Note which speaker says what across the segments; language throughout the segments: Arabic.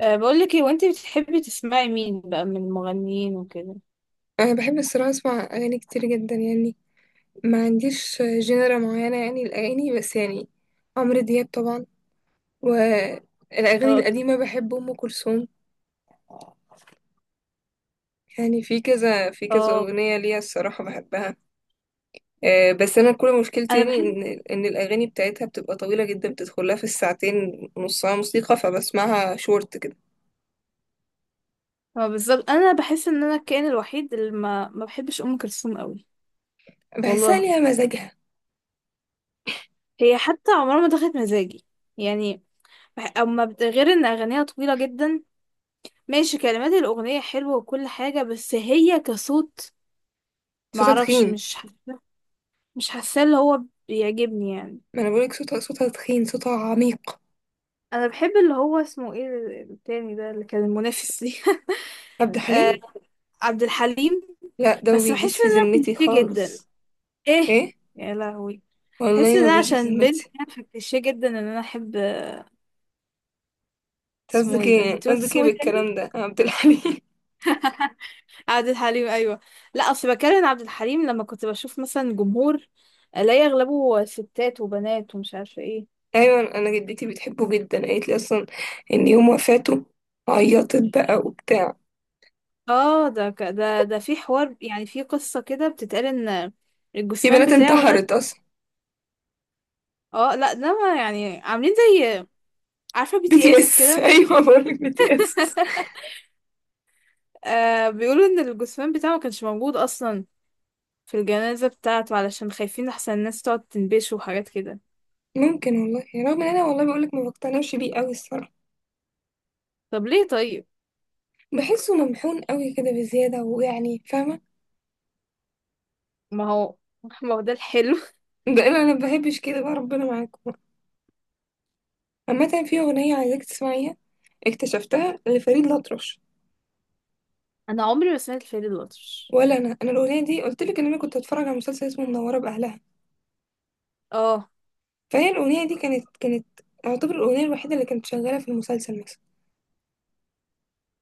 Speaker 1: بقول لك ايه وانت بتحبي تسمعي مين بقى من المغنيين وكده؟
Speaker 2: انا بحب الصراحه اسمع اغاني كتير جدا يعني، ما عنديش جنرا معينه، يعني الاغاني، بس يعني عمرو دياب طبعا. والاغاني
Speaker 1: اه.
Speaker 2: القديمه بحب ام كلثوم. يعني في كذا
Speaker 1: اه.
Speaker 2: اغنيه ليها الصراحه بحبها. آه، بس انا كل مشكلتي يعني ان الاغاني بتاعتها بتبقى طويله جدا، بتدخلها في الساعتين، نصها موسيقى فبسمعها شورت كده.
Speaker 1: ما بالظبط، انا بحس ان انا الكائن الوحيد اللي ما بحبش ام كلثوم قوي.
Speaker 2: بحسها
Speaker 1: والله.
Speaker 2: ليها مزاجها.
Speaker 1: هي حتى عمرها ما دخلت مزاجي. يعني. غير ان اغانيها طويله جدا. ماشي، كلمات الاغنيه حلوه وكل حاجه، بس هي كصوت، ما
Speaker 2: صوتها
Speaker 1: اعرفش،
Speaker 2: تخين.
Speaker 1: مش حاسه. مش حاسه اللي هو بيعجبني يعني.
Speaker 2: ما انا بقولك صوتها صوتها تخين، صوتها عميق.
Speaker 1: انا بحب، اللي هو اسمه ايه، التاني ده اللي كان المنافس ليه.
Speaker 2: عبد
Speaker 1: آه،
Speaker 2: الحليم،
Speaker 1: عبد الحليم.
Speaker 2: لا ده ما
Speaker 1: بس
Speaker 2: بيجيش
Speaker 1: بحس
Speaker 2: في
Speaker 1: انها
Speaker 2: ذمتي
Speaker 1: كليشيه جدا.
Speaker 2: خالص.
Speaker 1: ايه.
Speaker 2: ايه.
Speaker 1: يا لهوي. بحس
Speaker 2: والله ما
Speaker 1: ان أنا
Speaker 2: بيجي في
Speaker 1: عشان بنت
Speaker 2: ذمتي.
Speaker 1: انا، فكليشيه جدا ان انا احب.
Speaker 2: أنت
Speaker 1: اسمه
Speaker 2: قصدك
Speaker 1: ايه ده؟
Speaker 2: ايه؟
Speaker 1: انت قلت
Speaker 2: قصدك ايه
Speaker 1: اسمه ايه تاني؟
Speaker 2: بالكلام ده يا عبد الحليم؟
Speaker 1: عبد الحليم، ايوه. لا اصل بكلم عبد الحليم، لما كنت بشوف مثلا جمهور الاقي اغلبه ستات وبنات ومش عارفه ايه.
Speaker 2: ايوه انا جدتي بتحبه جدا، قالت لي اصلا ان يوم وفاته عيطت بقى وبتاع.
Speaker 1: اه، ده ده في حوار، يعني في قصه كده بتتقال ان
Speaker 2: في
Speaker 1: الجثمان
Speaker 2: بنات
Speaker 1: بتاعه ده.
Speaker 2: انتحرت اصلا.
Speaker 1: اه لا، ده ما يعني، عاملين زي، عارفه بي
Speaker 2: بي
Speaker 1: تي
Speaker 2: تي
Speaker 1: اس
Speaker 2: اس
Speaker 1: كده.
Speaker 2: ايوه بقول لك BTS.
Speaker 1: آه، بيقولوا ان الجثمان بتاعه ما كانش موجود اصلا في الجنازة بتاعته، علشان خايفين أحسن الناس تقعد تنبشه وحاجات كده.
Speaker 2: ممكن والله، رغم ان انا والله بقول لك ما بقتنعش بيه قوي الصراحه.
Speaker 1: طب ليه طيب؟
Speaker 2: بحسه ممحون قوي كده بزياده، ويعني فاهمه.
Speaker 1: ما هو، ما هو ده الحلو.
Speaker 2: ده انا ما بحبش كده بقى، ربنا معاكم. عامه في اغنيه عايزاك تسمعيها، اكتشفتها لفريد الأطرش.
Speaker 1: أنا عمري ما سمعت الفيل الأطرش.
Speaker 2: ولا انا الاغنيه دي قلت لك ان انا كنت اتفرج على مسلسل اسمه منوره باهلها،
Speaker 1: اه.
Speaker 2: فهي الاغنيه دي كانت اعتبر الاغنيه الوحيده اللي كانت شغاله في المسلسل مثلا.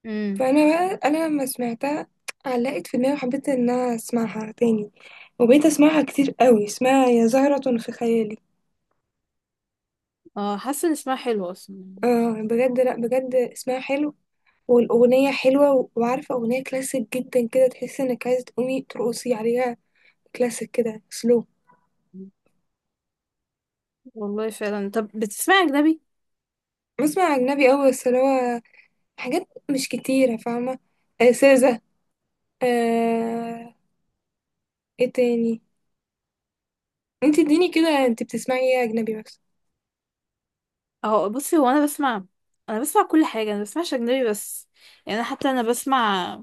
Speaker 1: امم.
Speaker 2: فانا بقى، انا لما سمعتها علقت في دماغي، وحبيت ان انا اسمعها تاني، وبقيت اسمعها كتير قوي، اسمها يا زهرة في خيالي.
Speaker 1: اه. حاسة إن اسمها حلو أصلا.
Speaker 2: اه بجد، لا بجد اسمها حلو. والاغنيه حلوه و- وعارفه اغنيه كلاسيك جدا كده، تحس انك عايزه تقومي ترقصي عليها، كلاسيك كده سلو.
Speaker 1: والله فعلا. طب بتسمع أجنبي؟
Speaker 2: بسمع اجنبي قوي، بس اللي هو حاجات مش كتيره، فاهمه. سيزا. آه... ايه تاني. انت اديني كده، انت بتسمعي ايه اجنبي مثلا؟
Speaker 1: اهو بصي، هو أنا بسمع، أنا بسمع كل حاجة، أنا بسمعش أجنبي بس، يعني أنا حتى أنا بسمع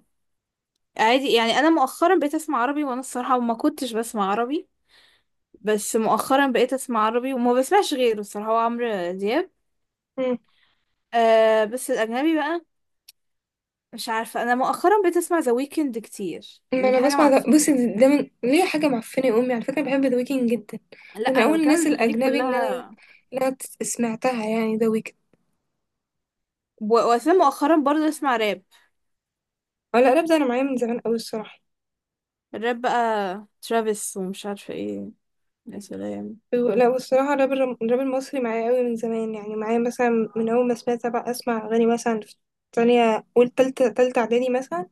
Speaker 1: عادي. يعني أنا مؤخرا بقيت أسمع عربي، وأنا الصراحة ما كنتش بسمع عربي، بس مؤخرا بقيت أسمع عربي وما بسمعش غيره، الصراحة هو عمرو دياب.
Speaker 2: مم.
Speaker 1: آه، بس الأجنبي بقى، مش عارفة، أنا مؤخرا بقيت أسمع ذا ويكند كتير،
Speaker 2: ما
Speaker 1: دي
Speaker 2: انا
Speaker 1: حاجة
Speaker 2: بسمع ده،
Speaker 1: معفنة.
Speaker 2: بصي ده من ليه حاجه معفنه يا امي، على فكره بحب ذا ويكند جدا.
Speaker 1: لا،
Speaker 2: ده من
Speaker 1: أنا
Speaker 2: اول
Speaker 1: بتكلم
Speaker 2: الناس
Speaker 1: عن الأغاني
Speaker 2: الاجنبي اللي انا
Speaker 1: كلها.
Speaker 2: اللي انا ت- سمعتها يعني، ذا ويكند.
Speaker 1: و- وأساسا مؤخرا برضه أسمع راب.
Speaker 2: ولا راب، ده انا معايا من زمان قوي الصراحه.
Speaker 1: الراب بقى ترافيس ومش عارفة ايه. يا سلام.
Speaker 2: لا والصراحه الراب، الراب المصري معايا قوي من زمان، يعني معايا مثلا من اول ما سمعت، بقى اسمع اغاني مثلا في تانية، أول تالتة إعدادي مثلا.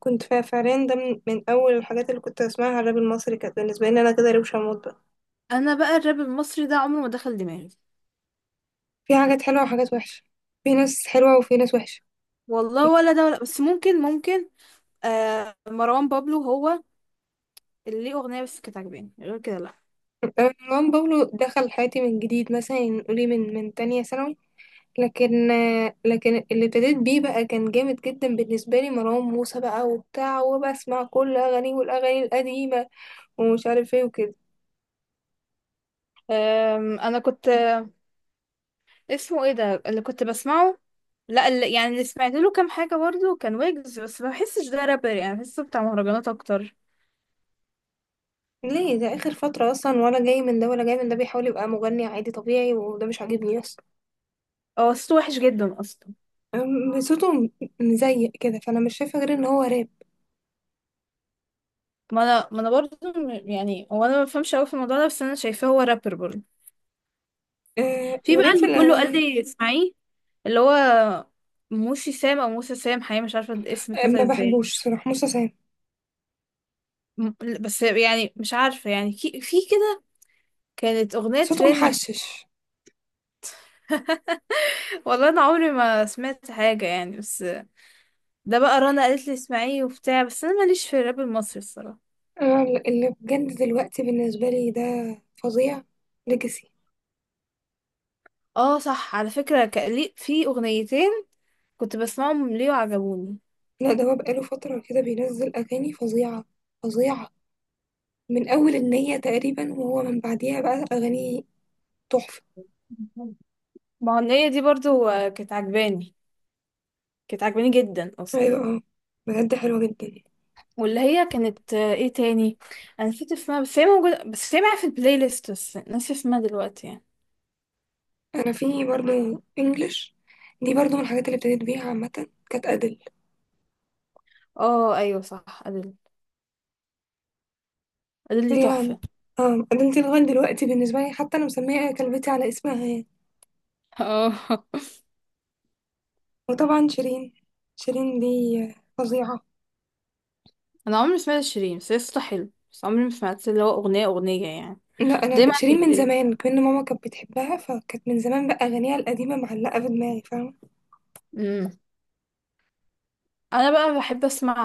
Speaker 2: كنت فعليا ده من أول الحاجات اللي كنت أسمعها، الراب المصري كانت بالنسبة لي أنا كده روشة موت بقى.
Speaker 1: أنا بقى الراب المصري ده عمره ما دخل دماغي.
Speaker 2: في حاجات حلوة وحاجات وحشة، في ناس حلوة وفي ناس وحشة.
Speaker 1: والله ولا ده ولا، بس ممكن ممكن. آه، مروان بابلو هو اللي ليه أغنية بس كانت عجباني، غير كده لأ.
Speaker 2: مروان بابلو دخل حياتي من جديد، مثلا نقولي من تانية ثانوي. لكن لكن اللي ابتديت بيه بقى كان جامد جدا بالنسبة لي، مروان موسى بقى وبتاع، وبسمع كل أغانيه والأغاني القديمة ومش عارف ايه وكده.
Speaker 1: أنا كنت، اسمه ايه ده اللي كنت بسمعه؟ لا، اللي سمعت له كام حاجة برضه كان ويجز، بس ما بحسش ده رابر، يعني بحسه بتاع مهرجانات أكتر.
Speaker 2: ليه ده آخر فترة أصلا، ولا جاي من ده ولا جاي من ده بيحاول يبقى مغني عادي طبيعي، وده مش عاجبني أصلا.
Speaker 1: هو صوته وحش جدا اصلا.
Speaker 2: صوته مزيق كده، فأنا مش شايفة غير إن هو راب.
Speaker 1: ما انا برضه يعني هو انا ما بفهمش قوي في الموضوع ده، بس انا شايفاه هو رابر برضه.
Speaker 2: أه
Speaker 1: في بقى
Speaker 2: وليه في
Speaker 1: اللي كله قال
Speaker 2: الأغاني.
Speaker 1: لي اسمعيه، اللي هو موسي سام او موسى سام، حقيقي مش عارفه الاسم
Speaker 2: أه،
Speaker 1: اتنطق
Speaker 2: ما
Speaker 1: ازاي.
Speaker 2: بحبوش صراحة موسى سام.
Speaker 1: م- بس يعني مش عارفه، يعني في كده كانت اغنيه
Speaker 2: صوته
Speaker 1: ترند.
Speaker 2: محشش.
Speaker 1: والله انا عمري ما سمعت حاجه، يعني، بس ده بقى رنا قالت لي اسمعيه وبتاع، بس انا ماليش في الراب المصري الصراحه.
Speaker 2: أنا اللي بجد دلوقتي بالنسبة لي ده فظيع، ليجاسي.
Speaker 1: اه صح، على فكره كان في اغنيتين كنت بسمعهم ليه وعجبوني.
Speaker 2: لا ده هو بقاله فترة كده بينزل أغاني فظيعة، فظيعة، من أول النية تقريبا، وهو من بعديها بقى أغاني تحفة.
Speaker 1: ما هو النية دي برضو، كانت عجباني، كانت عجباني جدا اصلا.
Speaker 2: أيوة اه، بجد حلوة جدا.
Speaker 1: واللي هي كانت، ايه تاني، انا نسيت اسمها، بس هي موجودة، بس هي معايا في البلاي ليست، بس ناسي اسمها دلوقتي يعني.
Speaker 2: أنا في برضه إنجلش، دي برضه من الحاجات اللي ابتديت بيها عامة، كانت أدل.
Speaker 1: اه ايوه صح، ادل. ادل دي
Speaker 2: هي،
Speaker 1: تحفة.
Speaker 2: اه أدل دي لغاية دلوقتي بالنسبة لي، حتى أنا مسمية كلبتي على اسمها يعني.
Speaker 1: اه.
Speaker 2: وطبعا شيرين، شيرين دي فظيعة.
Speaker 1: انا عمري ما سمعت شيرين، بس هي صوتها حلو، بس عمري ما سمعت اللي هو اغنية يعني.
Speaker 2: لا انا
Speaker 1: دايما
Speaker 2: شيرين من زمان كأن ماما كانت بتحبها، فكانت من زمان بقى اغانيها القديمه معلقه في دماغي، فاهمه.
Speaker 1: مم. انا بقى بحب اسمع،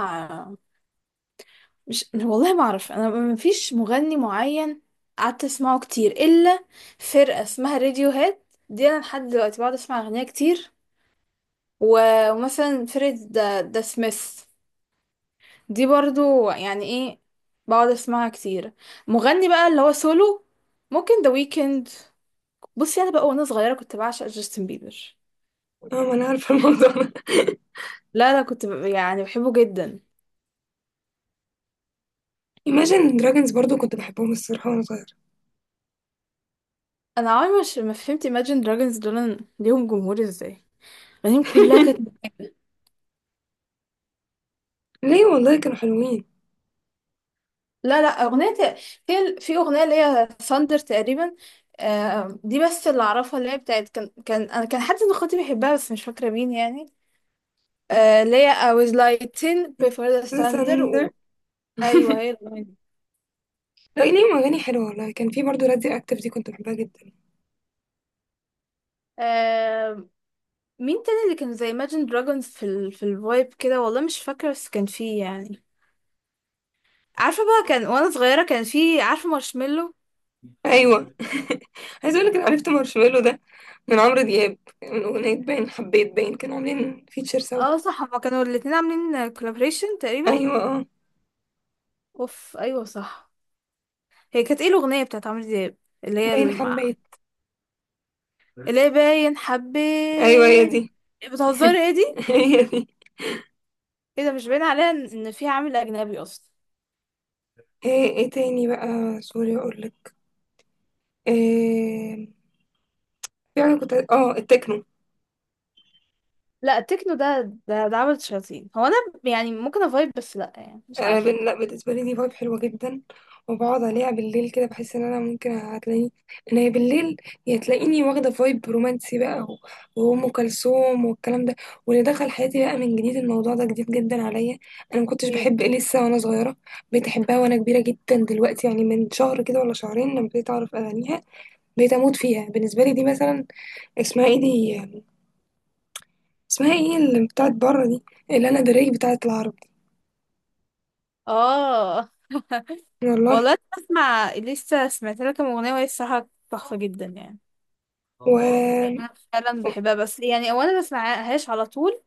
Speaker 1: مش، والله ما اعرف، انا ما فيش مغني معين قعدت اسمعه كتير الا فرقه اسمها راديو هيد. دي انا لحد دلوقتي بقعد اسمع اغنيه كتير. و- ومثلا فرقه ذا سميث، دي برضو يعني ايه، بقعد اسمعها كتير. مغني بقى اللي هو سولو، ممكن ذا ويكند. بصي، انا بقى وانا صغيره كنت بعشق جاستن بيبر.
Speaker 2: اه ما انا عارفه الموضوع ده.
Speaker 1: لا، لا، كنت يعني بحبه جدا.
Speaker 2: Imagine Dragons برضو كنت بحبهم الصراحه وانا صغيره.
Speaker 1: انا عمري مش ما فهمت Imagine Dragons دول ليهم جمهور ازاي، اغانيهم كلها كانت.
Speaker 2: ليه والله كانوا حلوين.
Speaker 1: لا، لا، أغنية، في أغنية اللي هي ثاندر تقريبا. آه، دي بس اللي أعرفها، اللي هي بتاعت كان أنا كان حد من اخواتي بيحبها بس مش فاكرة مين يعني. آه، اللي هي I was lighting before the
Speaker 2: The
Speaker 1: thunder
Speaker 2: Thunder.
Speaker 1: أيوه، هي الأغنية دي.
Speaker 2: لا ليهم اغاني حلوه، والله كان في برضو راديو اكتف دي كنت بحبها جدا.
Speaker 1: آه. مين تاني اللي كان زي Imagine Dragons في الفايب كده، والله مش فاكرة، بس كان فيه يعني. عارفة بقى، كان وأنا صغيرة كان فيه عارفة مارشميلو.
Speaker 2: ايوه. عايز اقول لك انا عرفت مارشميلو ده من عمرو دياب، من اغنيه باين حبيت، باين كانوا عاملين فيتشر سوا.
Speaker 1: اه صح، هما كانوا الاتنين عاملين كولابريشن تقريبا.
Speaker 2: ايوه اه.
Speaker 1: اوف ايوه صح. هي كانت ايه الاغنيه بتاعت عمرو دياب، اللي هي
Speaker 2: باين حبيت.
Speaker 1: اللي هي باين
Speaker 2: ايوه هي
Speaker 1: حبيت؟
Speaker 2: دي.
Speaker 1: بتهزري ايه دي؟
Speaker 2: هي دي.
Speaker 1: ايه ده؟ مش باين عليها إن فيها عامل اجنبي اصلا.
Speaker 2: ايه تاني بقى. سوري اقول لك، إيه، يعني كنت التكنو.
Speaker 1: لا، التكنو ده ده عمل شياطين. هو انا، يعني ممكن افايب، بس لا يعني مش عارفه
Speaker 2: لا بالنسبه لي دي فايب حلوه جدا، وبقعد عليها بالليل كده، بحس ان انا ممكن هتلاقيني ان هي بالليل، يا تلاقيني واخده فايب رومانسي بقى، وام كلثوم والكلام ده. واللي دخل حياتي بقى من جديد، الموضوع ده جديد جدا عليا. انا ما كنتش
Speaker 1: ايه.
Speaker 2: بحب اليسا وانا صغيره، بقيت احبها وانا كبيره جدا دلوقتي، يعني من شهر كده ولا شهرين لما بقيت اعرف اغانيها، بقيت اموت فيها. بالنسبه لي دي مثلا، اسمها ايه دي؟ اسمها ايه اللي بتاعت بره دي؟ الانا دريك بتاعت العرب.
Speaker 1: اه
Speaker 2: والله.
Speaker 1: والله، أنا بسمع، لسه سمعت لها كام اغنيه وهي الصراحه تحفه جدا يعني.
Speaker 2: و
Speaker 1: يعني انا فعلا بحبها، بس يعني او انا ما بسمعهاش على طول.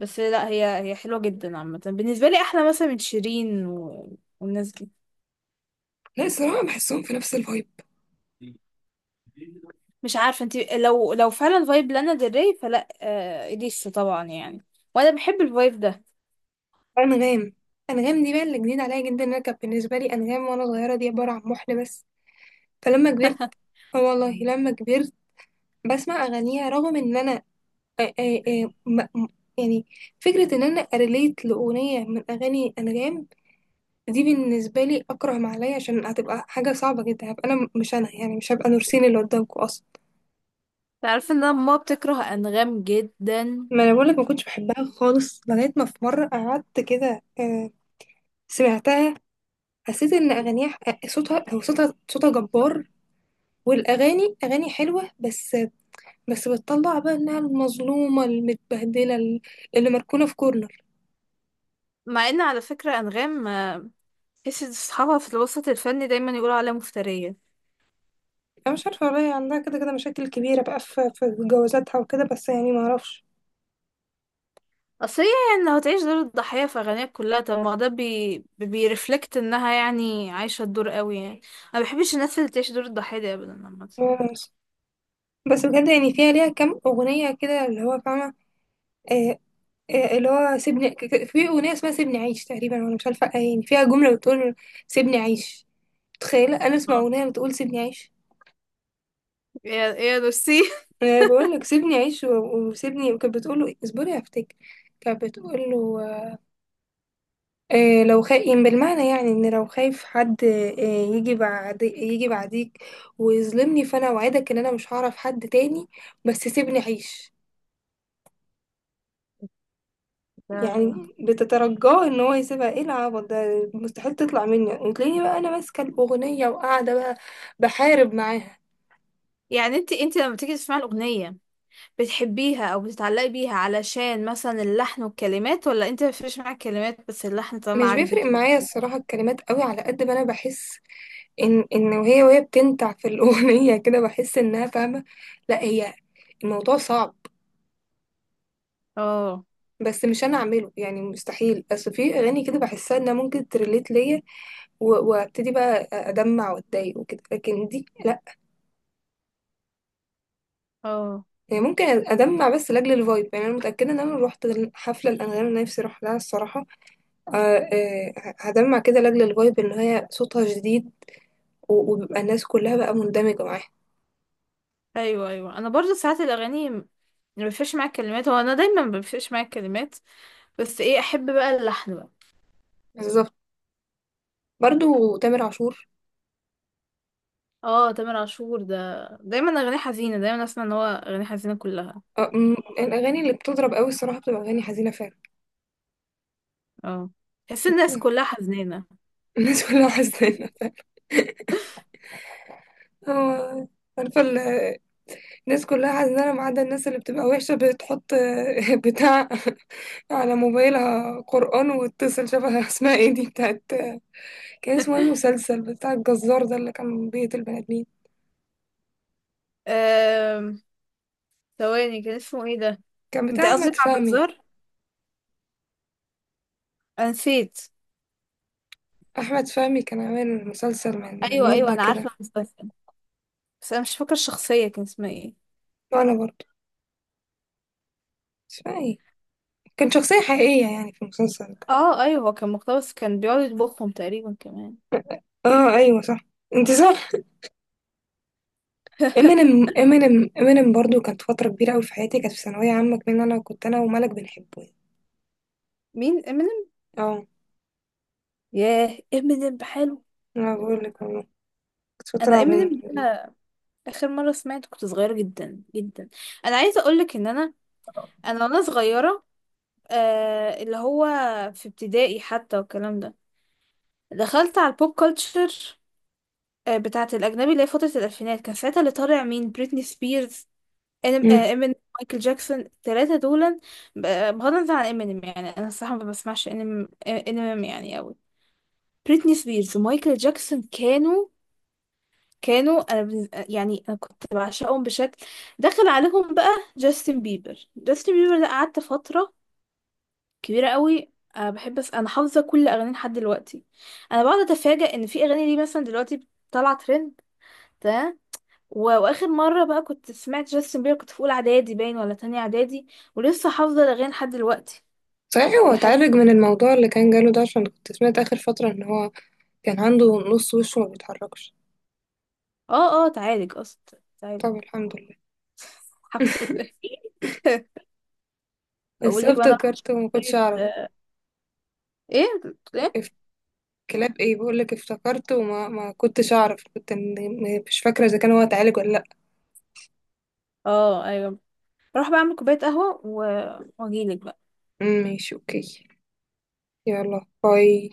Speaker 1: بس لا، هي هي حلوه جدا عامه، بالنسبه لي احلى مثلا من شيرين والناس دي.
Speaker 2: لا الصراحه بحسهم في نفس الفايب.
Speaker 1: مش عارفه انت، لو فعلا فايب لانا ديل ري، فلا اليسا طبعا يعني. وانا بحب الفايب ده.
Speaker 2: انغام، انغام دي بقى اللي جديد عليا جدا. انا كانت بالنسبه لي انغام وانا صغيره دي عباره عن محن بس، فلما كبرت، اه والله لما كبرت بسمع اغانيها. رغم ان انا آه، آه، آه، م- م- يعني فكره ان انا اريليت لاغنيه من اغاني انغام، دي بالنسبه لي اكره ما عليا، عشان هتبقى حاجه صعبه جدا، هبقى انا مش انا، يعني مش هبقى نورسين اللي قدامكم اصلا.
Speaker 1: تعرف ان انا ماما بتكره انغام جدا؟
Speaker 2: ما انا بقولك ما كنتش بحبها خالص، لغايه ما في مره قعدت كده، سمعتها، حسيت ان اغانيها صوتها هو صوتها صوتها جبار، والاغاني اغاني حلوه، بس بتطلع بقى انها المظلومه المتبهدله اللي مركونه في كورنر.
Speaker 1: مع ان على فكره انغام، تحس اصحابها في الوسط الفني دايما يقولوا عليها مفتريه.
Speaker 2: انا مش عارفه والله، عندها كده كده مشاكل كبيره بقى في جوازاتها وكده، بس يعني ما اعرفش.
Speaker 1: اصل هي، يعني لو هتعيش دور الضحيه في اغانيها كلها، طب ما ده بيرفلكت انها يعني عايشه الدور قوي يعني. انا ما بحبش الناس اللي تعيش دور الضحيه دي ابدا عامه.
Speaker 2: بس بجد يعني فيها ليها كام اغنيه كده اللي هو، فاهمه. آه، اللي هو سيبني في أغنية اسمها سيبني عيش تقريبا، وأنا مش عارفة، يعني فيها جملة بتقول سيبني عيش. تخيل أنا أسمع
Speaker 1: آه.
Speaker 2: أغنية بتقول سيبني عيش!
Speaker 1: يا، يا نسي
Speaker 2: أنا بقول لك سيبني عيش، وسيبني. وكانت بتقول له اصبري هفتك، كانت بتقول له لو خايف، يعني بالمعنى يعني إن لو خايف حد يجي بعديك ويظلمني، فأنا أوعدك إن أنا مش هعرف حد تاني، بس سيبني عيش.
Speaker 1: ده-
Speaker 2: يعني بتترجاه ان هو يسيبها، ايه العبط ده، مستحيل تطلع مني وتلاقيني بقى انا ماسكه الاغنيه وقاعده بقى بحارب معاها.
Speaker 1: يعني انت لما تيجي تسمعي الاغنيه، بتحبيها او بتتعلقي بيها علشان مثلا اللحن والكلمات، ولا انت مفيش معاك كلمات، بس اللحن طالما
Speaker 2: مش بيفرق
Speaker 1: عاجبك يبقى
Speaker 2: معايا
Speaker 1: خلاص؟
Speaker 2: الصراحه الكلمات قوي، على قد ما انا بحس ان وهي بتنتع في الاغنيه كده، بحس انها فاهمه. لا هي الموضوع صعب،
Speaker 1: اه.
Speaker 2: بس مش انا اعمله يعني، مستحيل. اصل في اغاني كده بحسها انها ممكن تريليت ليا وابتدي بقى ادمع واتضايق وكده، لكن دي لا.
Speaker 1: اه
Speaker 2: يعني ممكن أدمع بس لأجل الفايب، يعني أنا متأكدة إن أنا لو روحت حفلة الأنغام اللي نفسي أروح لها الصراحة، آه، آه، هدمع كده لأجل الفايب، إن هي صوتها جديد وبيبقى الناس كلها بقى مندمجة معاها.
Speaker 1: ايوه، ايوه، انا برضو ساعات الاغاني مفيش معايا كلمات، هو انا دايما مفيش معايا كلمات، بس ايه احب بقى اللحن بقى.
Speaker 2: بالظبط. برضو تامر عاشور،
Speaker 1: اه، تامر عاشور ده دايما اغاني حزينه، دايما اسمع ان هو اغاني حزينه كلها.
Speaker 2: آه، م- الأغاني اللي بتضرب قوي الصراحة بتبقى أغاني حزينة فعلا.
Speaker 1: اه، تحس الناس كلها حزينه.
Speaker 2: الناس كلها حزينة فعلا. هو عارفة الناس كلها حزينة ما عدا الناس اللي بتبقى وحشة بتحط بتاع على موبايلها قرآن وتتصل، شبه اسمها ايه دي بتاعت؟ كان اسمه ايه المسلسل بتاع الجزار ده اللي كان بيت البني ادمين؟
Speaker 1: أم، ثواني، كان اسمه ايه ده؟
Speaker 2: كان
Speaker 1: انت
Speaker 2: بتاع
Speaker 1: قصدك
Speaker 2: احمد
Speaker 1: عبد
Speaker 2: فهمي.
Speaker 1: الزهر؟ انا نسيت.
Speaker 2: احمد فهمي كان عامل مسلسل من
Speaker 1: ايوه، ايوه،
Speaker 2: مده
Speaker 1: انا
Speaker 2: كده.
Speaker 1: عارفه المسلسل، بس انا مش فاكره الشخصيه كان اسمها ايه.
Speaker 2: وانا برضه مش فاكرة ايه، كان شخصيه حقيقيه يعني في المسلسل ده.
Speaker 1: اه ايوه، هو كان مقتبس، كان بيقعد يطبخهم تقريبا كمان.
Speaker 2: اه ايوه صح، انت صح. امينيم امينيم امينيم برضه كانت فتره كبيره قوي في حياتي، كانت في ثانويه عامه كمان، انا كنت انا وملك بنحبه يعني.
Speaker 1: مين، امينيم؟
Speaker 2: اه
Speaker 1: ياه، امينيم بحاله.
Speaker 2: انا بقول لك والله، كانت
Speaker 1: انا
Speaker 2: فتره بين.
Speaker 1: امينيم ده اخر مره سمعت كنت صغيره جدا جدا. انا عايزه اقولك ان انا، انا وانا صغيره، اللي هو في ابتدائي حتى والكلام ده، دخلت على البوب كلتشر، بتاعه الاجنبي، اللي هي فتره الالفينات، كان ساعتها اللي طالع مين بريتني سبيرز،
Speaker 2: مم.
Speaker 1: امينيم، مايكل جاكسون، التلاتة دول. بغض النظر عن امينيم، يعني انا الصراحة ما بسمعش امينيم امينيم يعني قوي. بريتني سبيرز ومايكل جاكسون كانوا، انا يعني انا كنت بعشقهم بشكل، دخل عليهم بقى. جاستن بيبر ده، قعدت فترة كبيرة قوي بحب، بس انا حافظة كل اغانيه لحد دلوقتي. انا بقعد اتفاجأ ان في اغاني ليه مثلا دلوقتي طالعة ترند. و- واخر مره بقى كنت سمعت جاستن بيبر، كنت في اولى اعدادي باين ولا تانية اعدادي، ولسه حافظه الاغاني لحد دلوقتي.
Speaker 2: صحيح هو
Speaker 1: دي حاجه.
Speaker 2: اتعالج من الموضوع اللي كان جاله ده؟ عشان كنت سمعت آخر فترة إن هو كان عنده نص وشه ما بيتحركش.
Speaker 1: اه، اه، تعالج اصلا، تعالج.
Speaker 2: طب الحمد لله.
Speaker 1: الحمد لله.
Speaker 2: بس
Speaker 1: هقول لك بقى، انا راح
Speaker 2: افتكرت وما كنتش
Speaker 1: كوبايه.
Speaker 2: اعرف،
Speaker 1: ايه؟ بتقول ايه؟
Speaker 2: اف- كلاب ايه؟ بقول لك افتكرت وما ما كنتش اعرف، كنت مش فاكره اذا كان هو اتعالج ولا لا.
Speaker 1: اه ايوه، راح بعمل كوبايه قهوه و- واجيلك بقى.
Speaker 2: ماشي اوكي. يلا باي.